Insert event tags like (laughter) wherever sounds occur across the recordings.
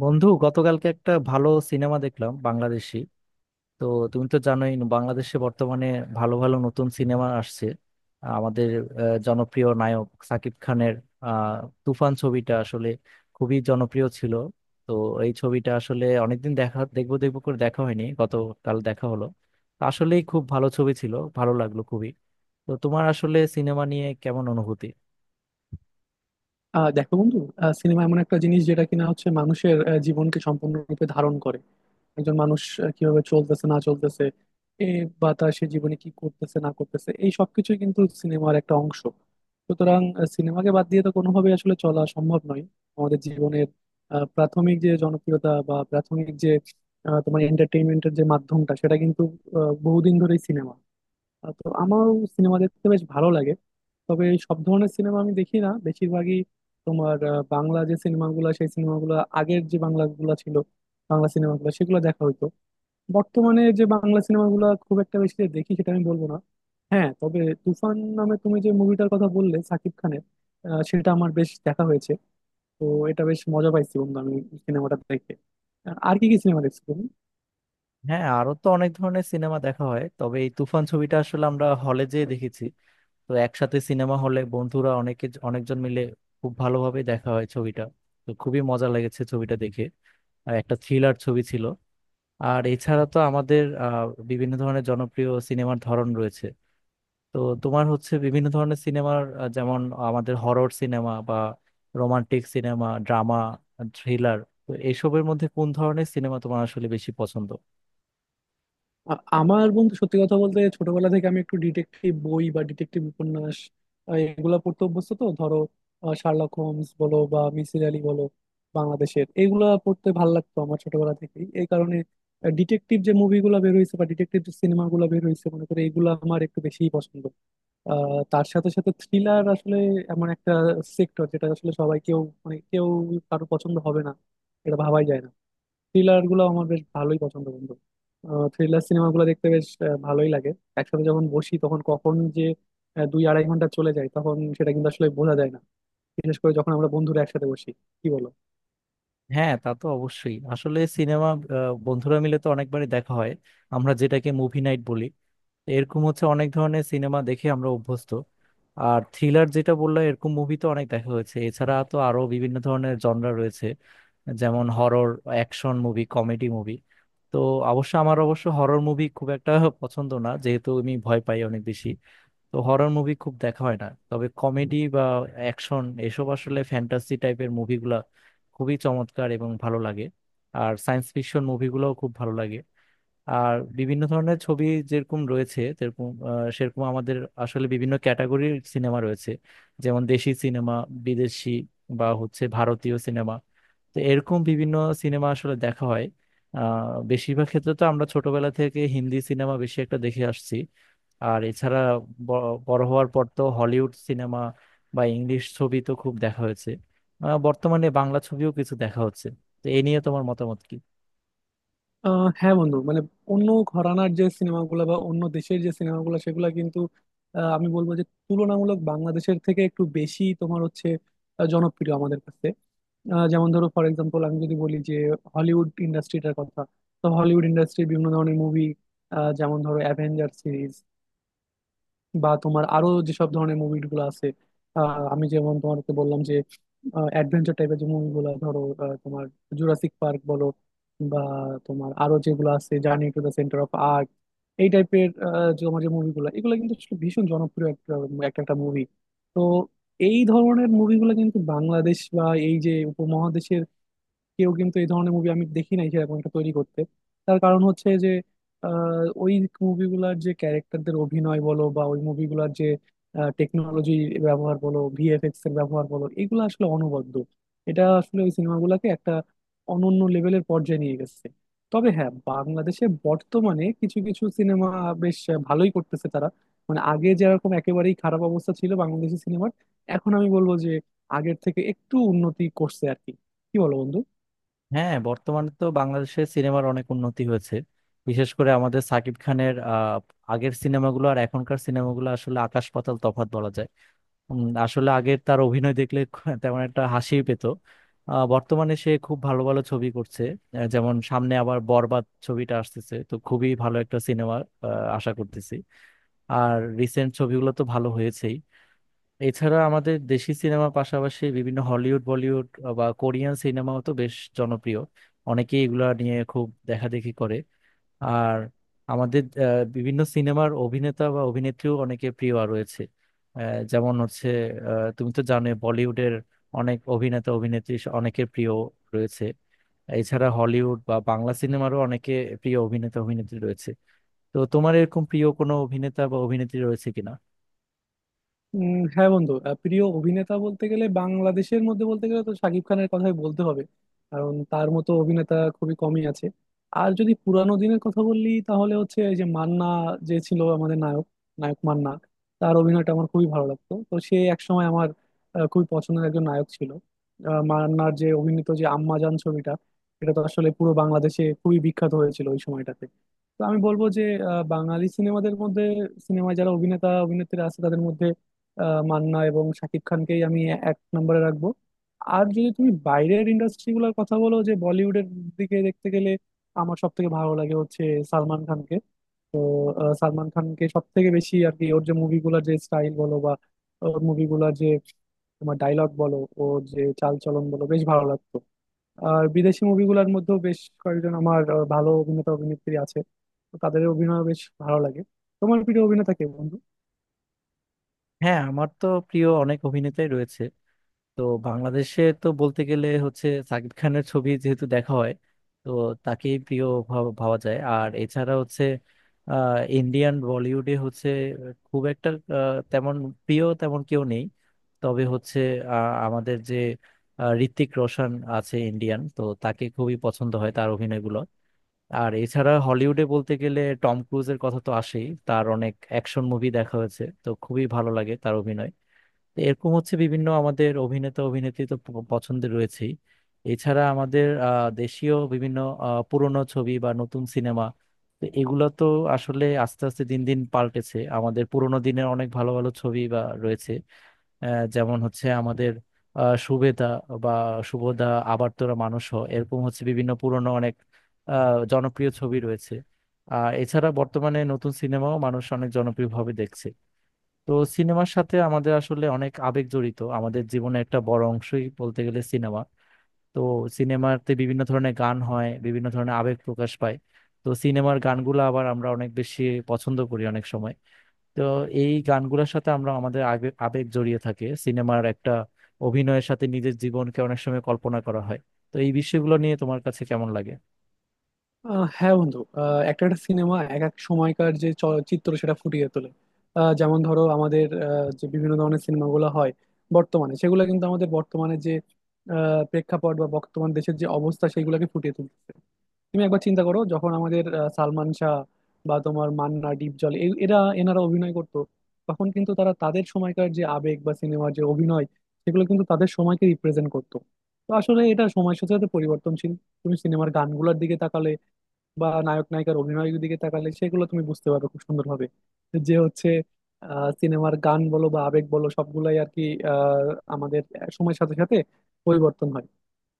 বন্ধু, গতকালকে একটা ভালো সিনেমা দেখলাম, বাংলাদেশি। তো তুমি তো জানোই বাংলাদেশে বর্তমানে ভালো ভালো নতুন সিনেমা আসছে। আমাদের জনপ্রিয় নায়ক সাকিব খানের আহ, তুফান ছবিটা আসলে খুবই জনপ্রিয় ছিল। তো এই ছবিটা আসলে অনেকদিন দেখা, দেখবো দেখবো করে দেখা হয়নি, গতকাল দেখা হলো। তো আসলেই খুব ভালো ছবি ছিল, ভালো লাগলো খুবই। তো তোমার আসলে সিনেমা নিয়ে কেমন অনুভূতি? দেখো, বন্ধু। সিনেমা এমন একটা জিনিস যেটা কিনা হচ্ছে মানুষের জীবনকে সম্পূর্ণরূপে ধারণ করে। একজন মানুষ কিভাবে চলতেছে না চলতেছে এ বা তার সে জীবনে কি করতেছে না করতেছে, এই সবকিছুই কিন্তু সিনেমার একটা অংশ। সুতরাং সিনেমাকে বাদ দিয়ে তো কোনোভাবেই আসলে চলা সম্ভব নয়। আমাদের জীবনের প্রাথমিক যে জনপ্রিয়তা বা প্রাথমিক যে তোমার এন্টারটেইনমেন্টের যে মাধ্যমটা, সেটা কিন্তু বহুদিন ধরেই সিনেমা। তো আমার সিনেমা দেখতে বেশ ভালো লাগে। তবে সব ধরনের সিনেমা আমি দেখি না, বেশিরভাগই তোমার বাংলা যে সিনেমাগুলো, সেই সিনেমাগুলো, আগের যে বাংলাগুলো ছিল বাংলা সিনেমাগুলো, সেগুলো দেখা হইতো। বর্তমানে যে বাংলা সিনেমাগুলো খুব একটা বেশি যে দেখি, সেটা আমি বলবো না। হ্যাঁ, তবে তুফান নামে তুমি যে মুভিটার কথা বললে সাকিব খানের, সেটা আমার বেশ দেখা হয়েছে। তো এটা বেশ মজা পাইছি, বন্ধু, আমি সিনেমাটা দেখে। আর কি কি সিনেমা দেখছো তুমি? হ্যাঁ, আরো তো অনেক ধরনের সিনেমা দেখা হয়, তবে এই তুফান ছবিটা আসলে আমরা হলে যেয়ে দেখেছি। তো একসাথে সিনেমা হলে বন্ধুরা অনেকে অনেকজন মিলে খুব ভালোভাবে দেখা হয় ছবিটা। তো খুবই মজা লেগেছে ছবিটা দেখে। আর একটা থ্রিলার ছবি ছিল। আর এছাড়া তো আমাদের বিভিন্ন ধরনের জনপ্রিয় সিনেমার ধরন রয়েছে। তো তোমার হচ্ছে বিভিন্ন ধরনের সিনেমার, যেমন আমাদের হরর সিনেমা বা রোমান্টিক সিনেমা, ড্রামা, থ্রিলার। তো এসবের মধ্যে কোন ধরনের সিনেমা তোমার আসলে বেশি পছন্দ? আ- আমার বন্ধু, সত্যি কথা বলতে, ছোটবেলা থেকে আমি একটু ডিটেকটিভ বই বা ডিটেকটিভ উপন্যাস, আ, এগুলা পড়তে অভ্যস্ত। তো ধরো, শার্লক হোমস বলো বা মিসির আলী বলো বাংলাদেশের, এগুলা পড়তে ভাল লাগতো আমার ছোটবেলা থেকেই। এই কারণে ডিটেকটিভ যে মুভিগুলো বের হয়েছে বা ডিটেকটিভ যে সিনেমাগুলো বের হয়েছে মনে করে, এগুলো আমার একটু বেশিই পছন্দ। তার সাথে সাথে থ্রিলার আসলে এমন একটা সেক্টর যেটা আসলে সবাই, কেউ, মানে কেউ কারো পছন্দ হবে না এটা ভাবাই যায় না। থ্রিলার গুলো আমার বেশ ভালোই পছন্দ, বন্ধু। থ্রিলার সিনেমাগুলো দেখতে বেশ ভালোই লাগে। একসাথে যখন বসি তখন কখন যে দুই আড়াই ঘন্টা চলে যায় তখন সেটা কিন্তু আসলে বোঝা যায় না। বিশেষ করে যখন আমরা বন্ধুরা একসাথে বসি। কি বলো? হ্যাঁ, তা তো অবশ্যই। আসলে সিনেমা বন্ধুরা মিলে তো অনেকবারই দেখা হয়, আমরা যেটাকে মুভি নাইট বলি। এরকম হচ্ছে অনেক ধরনের সিনেমা দেখে আমরা অভ্যস্ত। আর থ্রিলার যেটা বললাম এরকম মুভি তো অনেক দেখা হয়েছে। এছাড়া তো আরো বিভিন্ন ধরনের জনরা রয়েছে, যেমন horror, action movie, comedy movie. তো অবশ্য আমার অবশ্য হরর মুভি খুব একটা পছন্দ না, যেহেতু আমি ভয় পাই অনেক বেশি। তো হরর মুভি খুব দেখা হয় না, তবে কমেডি বা অ্যাকশন, এসব আসলে ফ্যান্টাসি টাইপের মুভিগুলা খুবই চমৎকার এবং ভালো লাগে। আর সায়েন্স ফিকশন মুভিগুলোও খুব ভালো লাগে। আর বিভিন্ন ধরনের ছবি যেরকম রয়েছে, যেরকম সেরকম আমাদের আসলে বিভিন্ন ক্যাটাগরির সিনেমা রয়েছে। যেমন দেশি সিনেমা, বিদেশি, বা হচ্ছে ভারতীয় সিনেমা। তো এরকম বিভিন্ন সিনেমা আসলে দেখা হয়। বেশিরভাগ ক্ষেত্রে তো আমরা ছোটবেলা থেকে হিন্দি সিনেমা বেশি একটা দেখে আসছি। আর এছাড়া বড় হওয়ার পর তো হলিউড সিনেমা বা ইংলিশ ছবি তো খুব দেখা হয়েছে। বর্তমানে বাংলা ছবিও কিছু দেখা হচ্ছে। তো এ নিয়ে তোমার মতামত কি? হ্যাঁ, বন্ধু, মানে অন্য ঘরানার যে সিনেমাগুলো বা অন্য দেশের যে সিনেমাগুলো সেগুলো কিন্তু, আমি বলবো যে, তুলনামূলক বাংলাদেশের থেকে একটু বেশি তোমার হচ্ছে জনপ্রিয় আমাদের কাছে। যেমন ধরো, ফর এক্সাম্পল, আমি যদি বলি যে হলিউড ইন্ডাস্ট্রিটার কথা। তো হলিউড ইন্ডাস্ট্রির বিভিন্ন ধরনের মুভি, যেমন ধরো অ্যাভেঞ্জার সিরিজ বা তোমার আরো যেসব ধরনের মুভিগুলো আছে, আমি যেমন তোমাকে বললাম যে অ্যাডভেঞ্চার টাইপের যে মুভিগুলো, ধরো তোমার জুরাসিক পার্ক বলো বা তোমার আরো যেগুলো আছে journey to the centre of earth, এই টাইপের তোমার যে মুভিগুলো, এগুলো কিন্তু আসলে ভীষণ জনপ্রিয় একটা একটা একটা মুভি। তো এই ধরনের মুভিগুলো কিন্তু বাংলাদেশ বা এই যে উপমহাদেশের কেউ কিন্তু এই ধরনের মুভি আমি দেখি নাই সেরকম একটা তৈরি করতে। তার কারণ হচ্ছে যে ওই মুভিগুলার যে ক্যারেক্টারদের অভিনয় বলো বা ওই মুভিগুলার যে টেকনোলজি ব্যবহার বলো, ভিএফএক্স এর ব্যবহার বলো, এগুলো আসলে অনবদ্য। এটা আসলে ওই সিনেমাগুলোকে একটা অনন্য লেভেলের পর্যায়ে নিয়ে গেছে। তবে হ্যাঁ, বাংলাদেশে বর্তমানে কিছু কিছু সিনেমা বেশ ভালোই করতেছে তারা। মানে আগে যেরকম একেবারেই খারাপ অবস্থা ছিল বাংলাদেশি সিনেমার, এখন আমি বলবো যে আগের থেকে একটু উন্নতি করছে আর কি। কি বলো, বন্ধু? হ্যাঁ, বর্তমানে তো বাংলাদেশের সিনেমার অনেক উন্নতি হয়েছে। বিশেষ করে আমাদের সাকিব খানের আগের সিনেমাগুলো আর এখনকার সিনেমাগুলো আসলে আকাশ পাতাল তফাৎ বলা যায়। আসলে আগে তার অভিনয় দেখলে (laughs) তেমন একটা হাসি পেত। বর্তমানে সে খুব ভালো ভালো ছবি করছে। যেমন সামনে আবার বরবাদ ছবিটা আসতেছে, তো খুবই ভালো একটা সিনেমা আশা করতেছি। আর রিসেন্ট ছবিগুলো তো ভালো হয়েছেই। এছাড়া আমাদের দেশি সিনেমা পাশাপাশি বিভিন্ন হলিউড, বলিউড বা কোরিয়ান সিনেমাও তো বেশ জনপ্রিয়। অনেকেই এগুলা নিয়ে খুব দেখাদেখি করে। আর আমাদের বিভিন্ন সিনেমার অভিনেতা বা অভিনেত্রীও অনেকে প্রিয় রয়েছে। আহ, যেমন হচ্ছে তুমি তো জানো বলিউডের অনেক অভিনেতা অভিনেত্রী অনেকের প্রিয় রয়েছে। এছাড়া হলিউড বা বাংলা সিনেমারও অনেকে প্রিয় অভিনেতা অভিনেত্রী রয়েছে। তো তোমার এরকম প্রিয় কোনো অভিনেতা বা অভিনেত্রী রয়েছে কিনা? হ্যাঁ, বন্ধু, প্রিয় অভিনেতা বলতে গেলে বাংলাদেশের মধ্যে বলতে গেলে তো শাকিব খানের কথাই বলতে হবে। কারণ তার মতো অভিনেতা খুবই কমই আছে। আর যদি পুরানো দিনের কথা বললি তাহলে হচ্ছে এই যে মান্না, যে ছিল আমাদের নায়ক, নায়ক মান্না। তার অভিনয়টা আমার খুবই ভালো লাগতো। তো সে একসময় আমার খুবই পছন্দের একজন নায়ক ছিল। মান্নার যে অভিনীত যে আম্মাজান ছবিটা, এটা তো আসলে পুরো বাংলাদেশে খুবই বিখ্যাত হয়েছিল ওই সময়টাতে। তো আমি বলবো যে বাঙালি সিনেমাদের মধ্যে, সিনেমায় যারা অভিনেতা অভিনেত্রী আছে তাদের মধ্যে মান্না এবং শাকিব খানকেই আমি এক নম্বরে রাখবো। আর যদি তুমি বাইরের ইন্ডাস্ট্রি গুলোর কথা বলো, যে বলিউডের দিকে দেখতে গেলে আমার সব থেকে ভালো লাগে হচ্ছে সালমান খানকে। তো সালমান খানকে সব থেকে বেশি আর কি, ওর যে মুভিগুলোর যে স্টাইল বলো বা ওর মুভিগুলোর যে তোমার ডায়লগ বলো, ওর যে চাল চলন বলো, বেশ ভালো লাগতো। আর বিদেশি মুভিগুলোর মধ্যেও বেশ কয়েকজন আমার ভালো অভিনেতা অভিনেত্রী আছে। তো তাদের অভিনয় বেশ ভালো লাগে। তোমার প্রিয় অভিনেতা কে, বন্ধু? হ্যাঁ, আমার তো প্রিয় অনেক অভিনেতাই রয়েছে। তো বাংলাদেশে তো বলতে গেলে হচ্ছে সাকিব খানের ছবি যেহেতু দেখা হয়, তো তাকেই প্রিয় ভাবা যায়। আর এছাড়া হচ্ছে ইন্ডিয়ান বলিউডে হচ্ছে খুব একটা তেমন প্রিয় তেমন কেউ নেই। তবে হচ্ছে আমাদের যে ঋত্বিক রোশন আছে, ইন্ডিয়ান, তো তাকে খুবই পছন্দ হয় তার অভিনয়গুলো। আর এছাড়া হলিউডে বলতে গেলে টম ক্রুজের কথা তো আসেই, তার অনেক অ্যাকশন মুভি দেখা হয়েছে, তো খুবই ভালো লাগে তার অভিনয়। তো এরকম হচ্ছে বিভিন্ন আমাদের অভিনেতা অভিনেত্রী তো পছন্দের রয়েছেই। এছাড়া আমাদের দেশীয় বিভিন্ন পুরনো ছবি বা নতুন সিনেমা, তো এগুলো তো আসলে আস্তে আস্তে দিন দিন পাল্টেছে। আমাদের পুরোনো দিনের অনেক ভালো ভালো ছবি বা রয়েছে, যেমন হচ্ছে আমাদের সুবেদা বা শুভদা, আবার তোরা মানুষ হ, এরকম হচ্ছে বিভিন্ন পুরনো অনেক জনপ্রিয় ছবি রয়েছে। আর এছাড়া বর্তমানে নতুন সিনেমাও মানুষ অনেক জনপ্রিয়ভাবে দেখছে। তো সিনেমার সাথে আমাদের আসলে অনেক আবেগ জড়িত, আমাদের জীবনে একটা বড় অংশই বলতে গেলে সিনেমা। তো সিনেমাতে বিভিন্ন ধরনের গান হয়, বিভিন্ন ধরনের আবেগ প্রকাশ পায়। তো সিনেমার গানগুলো আবার আমরা অনেক বেশি পছন্দ করি অনেক সময়। তো এই গানগুলোর সাথে আমরা আমাদের আবেগ আবেগ জড়িয়ে থাকে। সিনেমার একটা অভিনয়ের সাথে নিজের জীবনকে অনেক সময় কল্পনা করা হয়। তো এই বিষয়গুলো নিয়ে তোমার কাছে কেমন লাগে? হ্যাঁ, বন্ধু, একটা একটা সিনেমা এক এক সময়কার যে চলচ্চিত্র সেটা ফুটিয়ে তোলে। যেমন ধরো, আমাদের যে বিভিন্ন ধরনের সিনেমাগুলো হয় বর্তমানে, সেগুলো কিন্তু আমাদের বর্তমানে যে প্রেক্ষাপট বা বর্তমান দেশের যে অবস্থা সেগুলোকে ফুটিয়ে তুলতেছে। তুমি একবার চিন্তা করো, যখন আমাদের সালমান শাহ বা তোমার মান্না ডিপজল, এই এরা এনারা অভিনয় করতো, তখন কিন্তু তারা তাদের সময়কার যে আবেগ বা সিনেমার যে অভিনয়, সেগুলো কিন্তু তাদের সময়কে রিপ্রেজেন্ট করতো। তো আসলে এটা সময়ের সাথে সাথে পরিবর্তনশীল। তুমি সিনেমার গানগুলোর দিকে তাকালে বা নায়ক নায়িকার অভিনয়ের দিকে তাকালে সেগুলো তুমি বুঝতে পারবে খুব সুন্দরভাবে, যে হচ্ছে সিনেমার গান বলো বা আবেগ বলো সবগুলাই আর কি, আহ, আমাদের সময়ের সাথে সাথে পরিবর্তন হয়।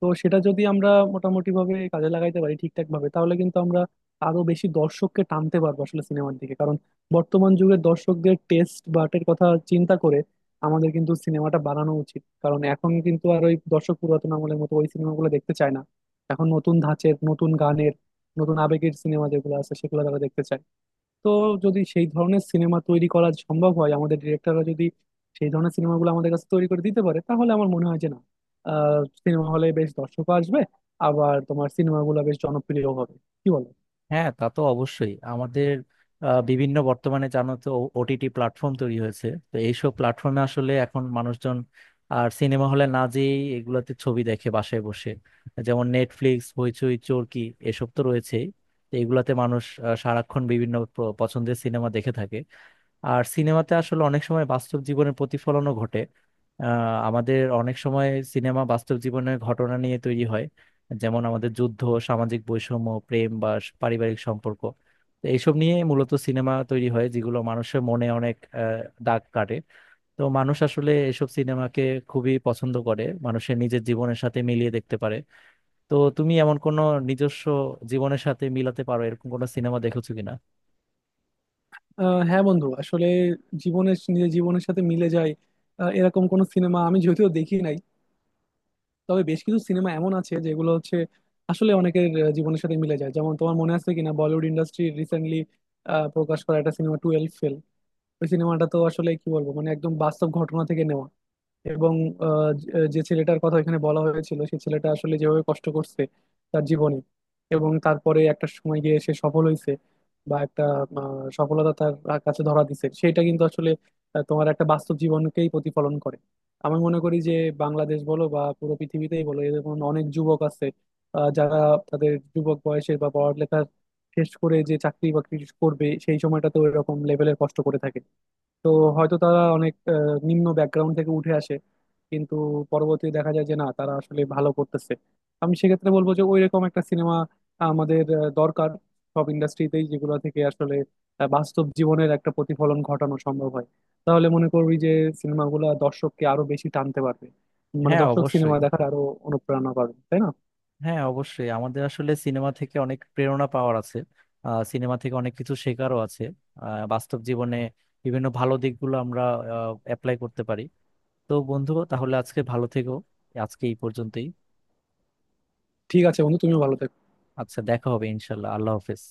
তো সেটা যদি আমরা মোটামুটি ভাবে কাজে লাগাইতে পারি ঠিকঠাক ভাবে, তাহলে কিন্তু আমরা আরো বেশি দর্শককে টানতে পারবো আসলে সিনেমার দিকে। কারণ বর্তমান যুগের দর্শকদের টেস্ট বাটের কথা চিন্তা করে আমাদের কিন্তু সিনেমাটা বানানো উচিত। কারণ এখন কিন্তু আর ওই দর্শক পুরাতন আমলের মতো ওই সিনেমাগুলো দেখতে চায় না। এখন নতুন ধাঁচের, নতুন গানের, নতুন আবেগের সিনেমা যেগুলো আছে সেগুলো তারা দেখতে চায়। তো যদি সেই ধরনের সিনেমা তৈরি করা সম্ভব হয়, আমাদের ডিরেক্টররা যদি সেই ধরনের সিনেমাগুলো আমাদের কাছে তৈরি করে দিতে পারে, তাহলে আমার মনে হয় যে না, সিনেমা হলে বেশ দর্শকও আসবে, আবার তোমার সিনেমাগুলো বেশ জনপ্রিয় হবে। কি বলো? হ্যাঁ, তা তো অবশ্যই। আমাদের বিভিন্ন বর্তমানে জানো তো ওটিটি প্ল্যাটফর্ম তৈরি হয়েছে। তো এইসব প্ল্যাটফর্মে আসলে এখন মানুষজন আর সিনেমা হলে না যেয়েই এগুলাতে ছবি দেখে বাসায় বসে, যেমন নেটফ্লিক্স, হইচই, চরকি, এসব তো রয়েছেই। তো এগুলাতে মানুষ সারাক্ষণ বিভিন্ন পছন্দের সিনেমা দেখে থাকে। আর সিনেমাতে আসলে অনেক সময় বাস্তব জীবনের প্রতিফলনও ঘটে। আহ, আমাদের অনেক সময় সিনেমা বাস্তব জীবনের ঘটনা নিয়ে তৈরি হয়। যেমন আমাদের যুদ্ধ, সামাজিক বৈষম্য, প্রেম বা পারিবারিক সম্পর্ক। তো এইসব নিয়ে মূলত সিনেমা তৈরি হয় যেগুলো মানুষের মনে অনেক দাগ কাটে। তো মানুষ আসলে এসব সিনেমাকে খুবই পছন্দ করে, মানুষের নিজের জীবনের সাথে মিলিয়ে দেখতে পারে। তো তুমি এমন কোনো নিজস্ব জীবনের সাথে মিলাতে পারো এরকম কোনো সিনেমা দেখেছো কিনা? হ্যাঁ, বন্ধু, আসলে জীবনের, নিজের জীবনের সাথে মিলে যায় এরকম কোনো সিনেমা আমি যদিও দেখি নাই। তবে বেশ কিছু সিনেমা এমন আছে যেগুলো হচ্ছে আসলে অনেকের জীবনের সাথে মিলে যায়। যেমন তোমার মনে আছে কিনা, বলিউড ইন্ডাস্ট্রি রিসেন্টলি প্রকাশ করা একটা সিনেমা টুয়েলভ ফেল। ওই সিনেমাটা তো আসলে কি বলবো, মানে একদম বাস্তব ঘটনা থেকে নেওয়া। এবং যে যে ছেলেটার কথা এখানে বলা হয়েছিল সেই ছেলেটা আসলে যেভাবে কষ্ট করছে তার জীবনে, এবং তারপরে একটা সময় গিয়ে সে সফল হয়েছে, বা একটা সফলতা তার কাছে ধরা দিছে, সেটা কিন্তু আসলে তোমার একটা বাস্তব জীবনকেই প্রতিফলন করে। আমি মনে করি যে বাংলাদেশ বলো বা পুরো পৃথিবীতেই বলো, এরকম অনেক যুবক আছে যারা তাদের যুবক বয়সে বা পড়ালেখা শেষ করে যে চাকরি বাকরি করবে সেই সময়টাতে এরকম লেভেলের কষ্ট করে থাকে। তো হয়তো তারা অনেক নিম্ন ব্যাকগ্রাউন্ড থেকে উঠে আসে, কিন্তু পরবর্তীতে দেখা যায় যে না, তারা আসলে ভালো করতেছে। আমি সেক্ষেত্রে বলবো যে ওইরকম একটা সিনেমা আমাদের দরকার, সব ইন্ডাস্ট্রিতেই, যেগুলো থেকে আসলে বাস্তব জীবনের একটা প্রতিফলন ঘটানো সম্ভব হয়। তাহলে মনে করবি যে সিনেমাগুলো দর্শককে আরো বেশি টানতে পারবে, মানে হ্যাঁ দর্শক অবশ্যই। সিনেমা দেখার আরো অনুপ্রেরণা পাবে, তাই না? হ্যাঁ অবশ্যই, আমাদের আসলে সিনেমা থেকে অনেক প্রেরণা পাওয়ার আছে। সিনেমা থেকে অনেক কিছু শেখারও আছে। বাস্তব জীবনে বিভিন্ন ভালো দিকগুলো আমরা অ্যাপ্লাই করতে পারি। তো বন্ধু, তাহলে আজকে ভালো থেকো। আজকে এই পর্যন্তই। ঠিক আছে, বন্ধু, তুমিও ভালো থেকো। আচ্ছা, দেখা হবে ইনশাল্লাহ, আল্লাহ হাফেজ।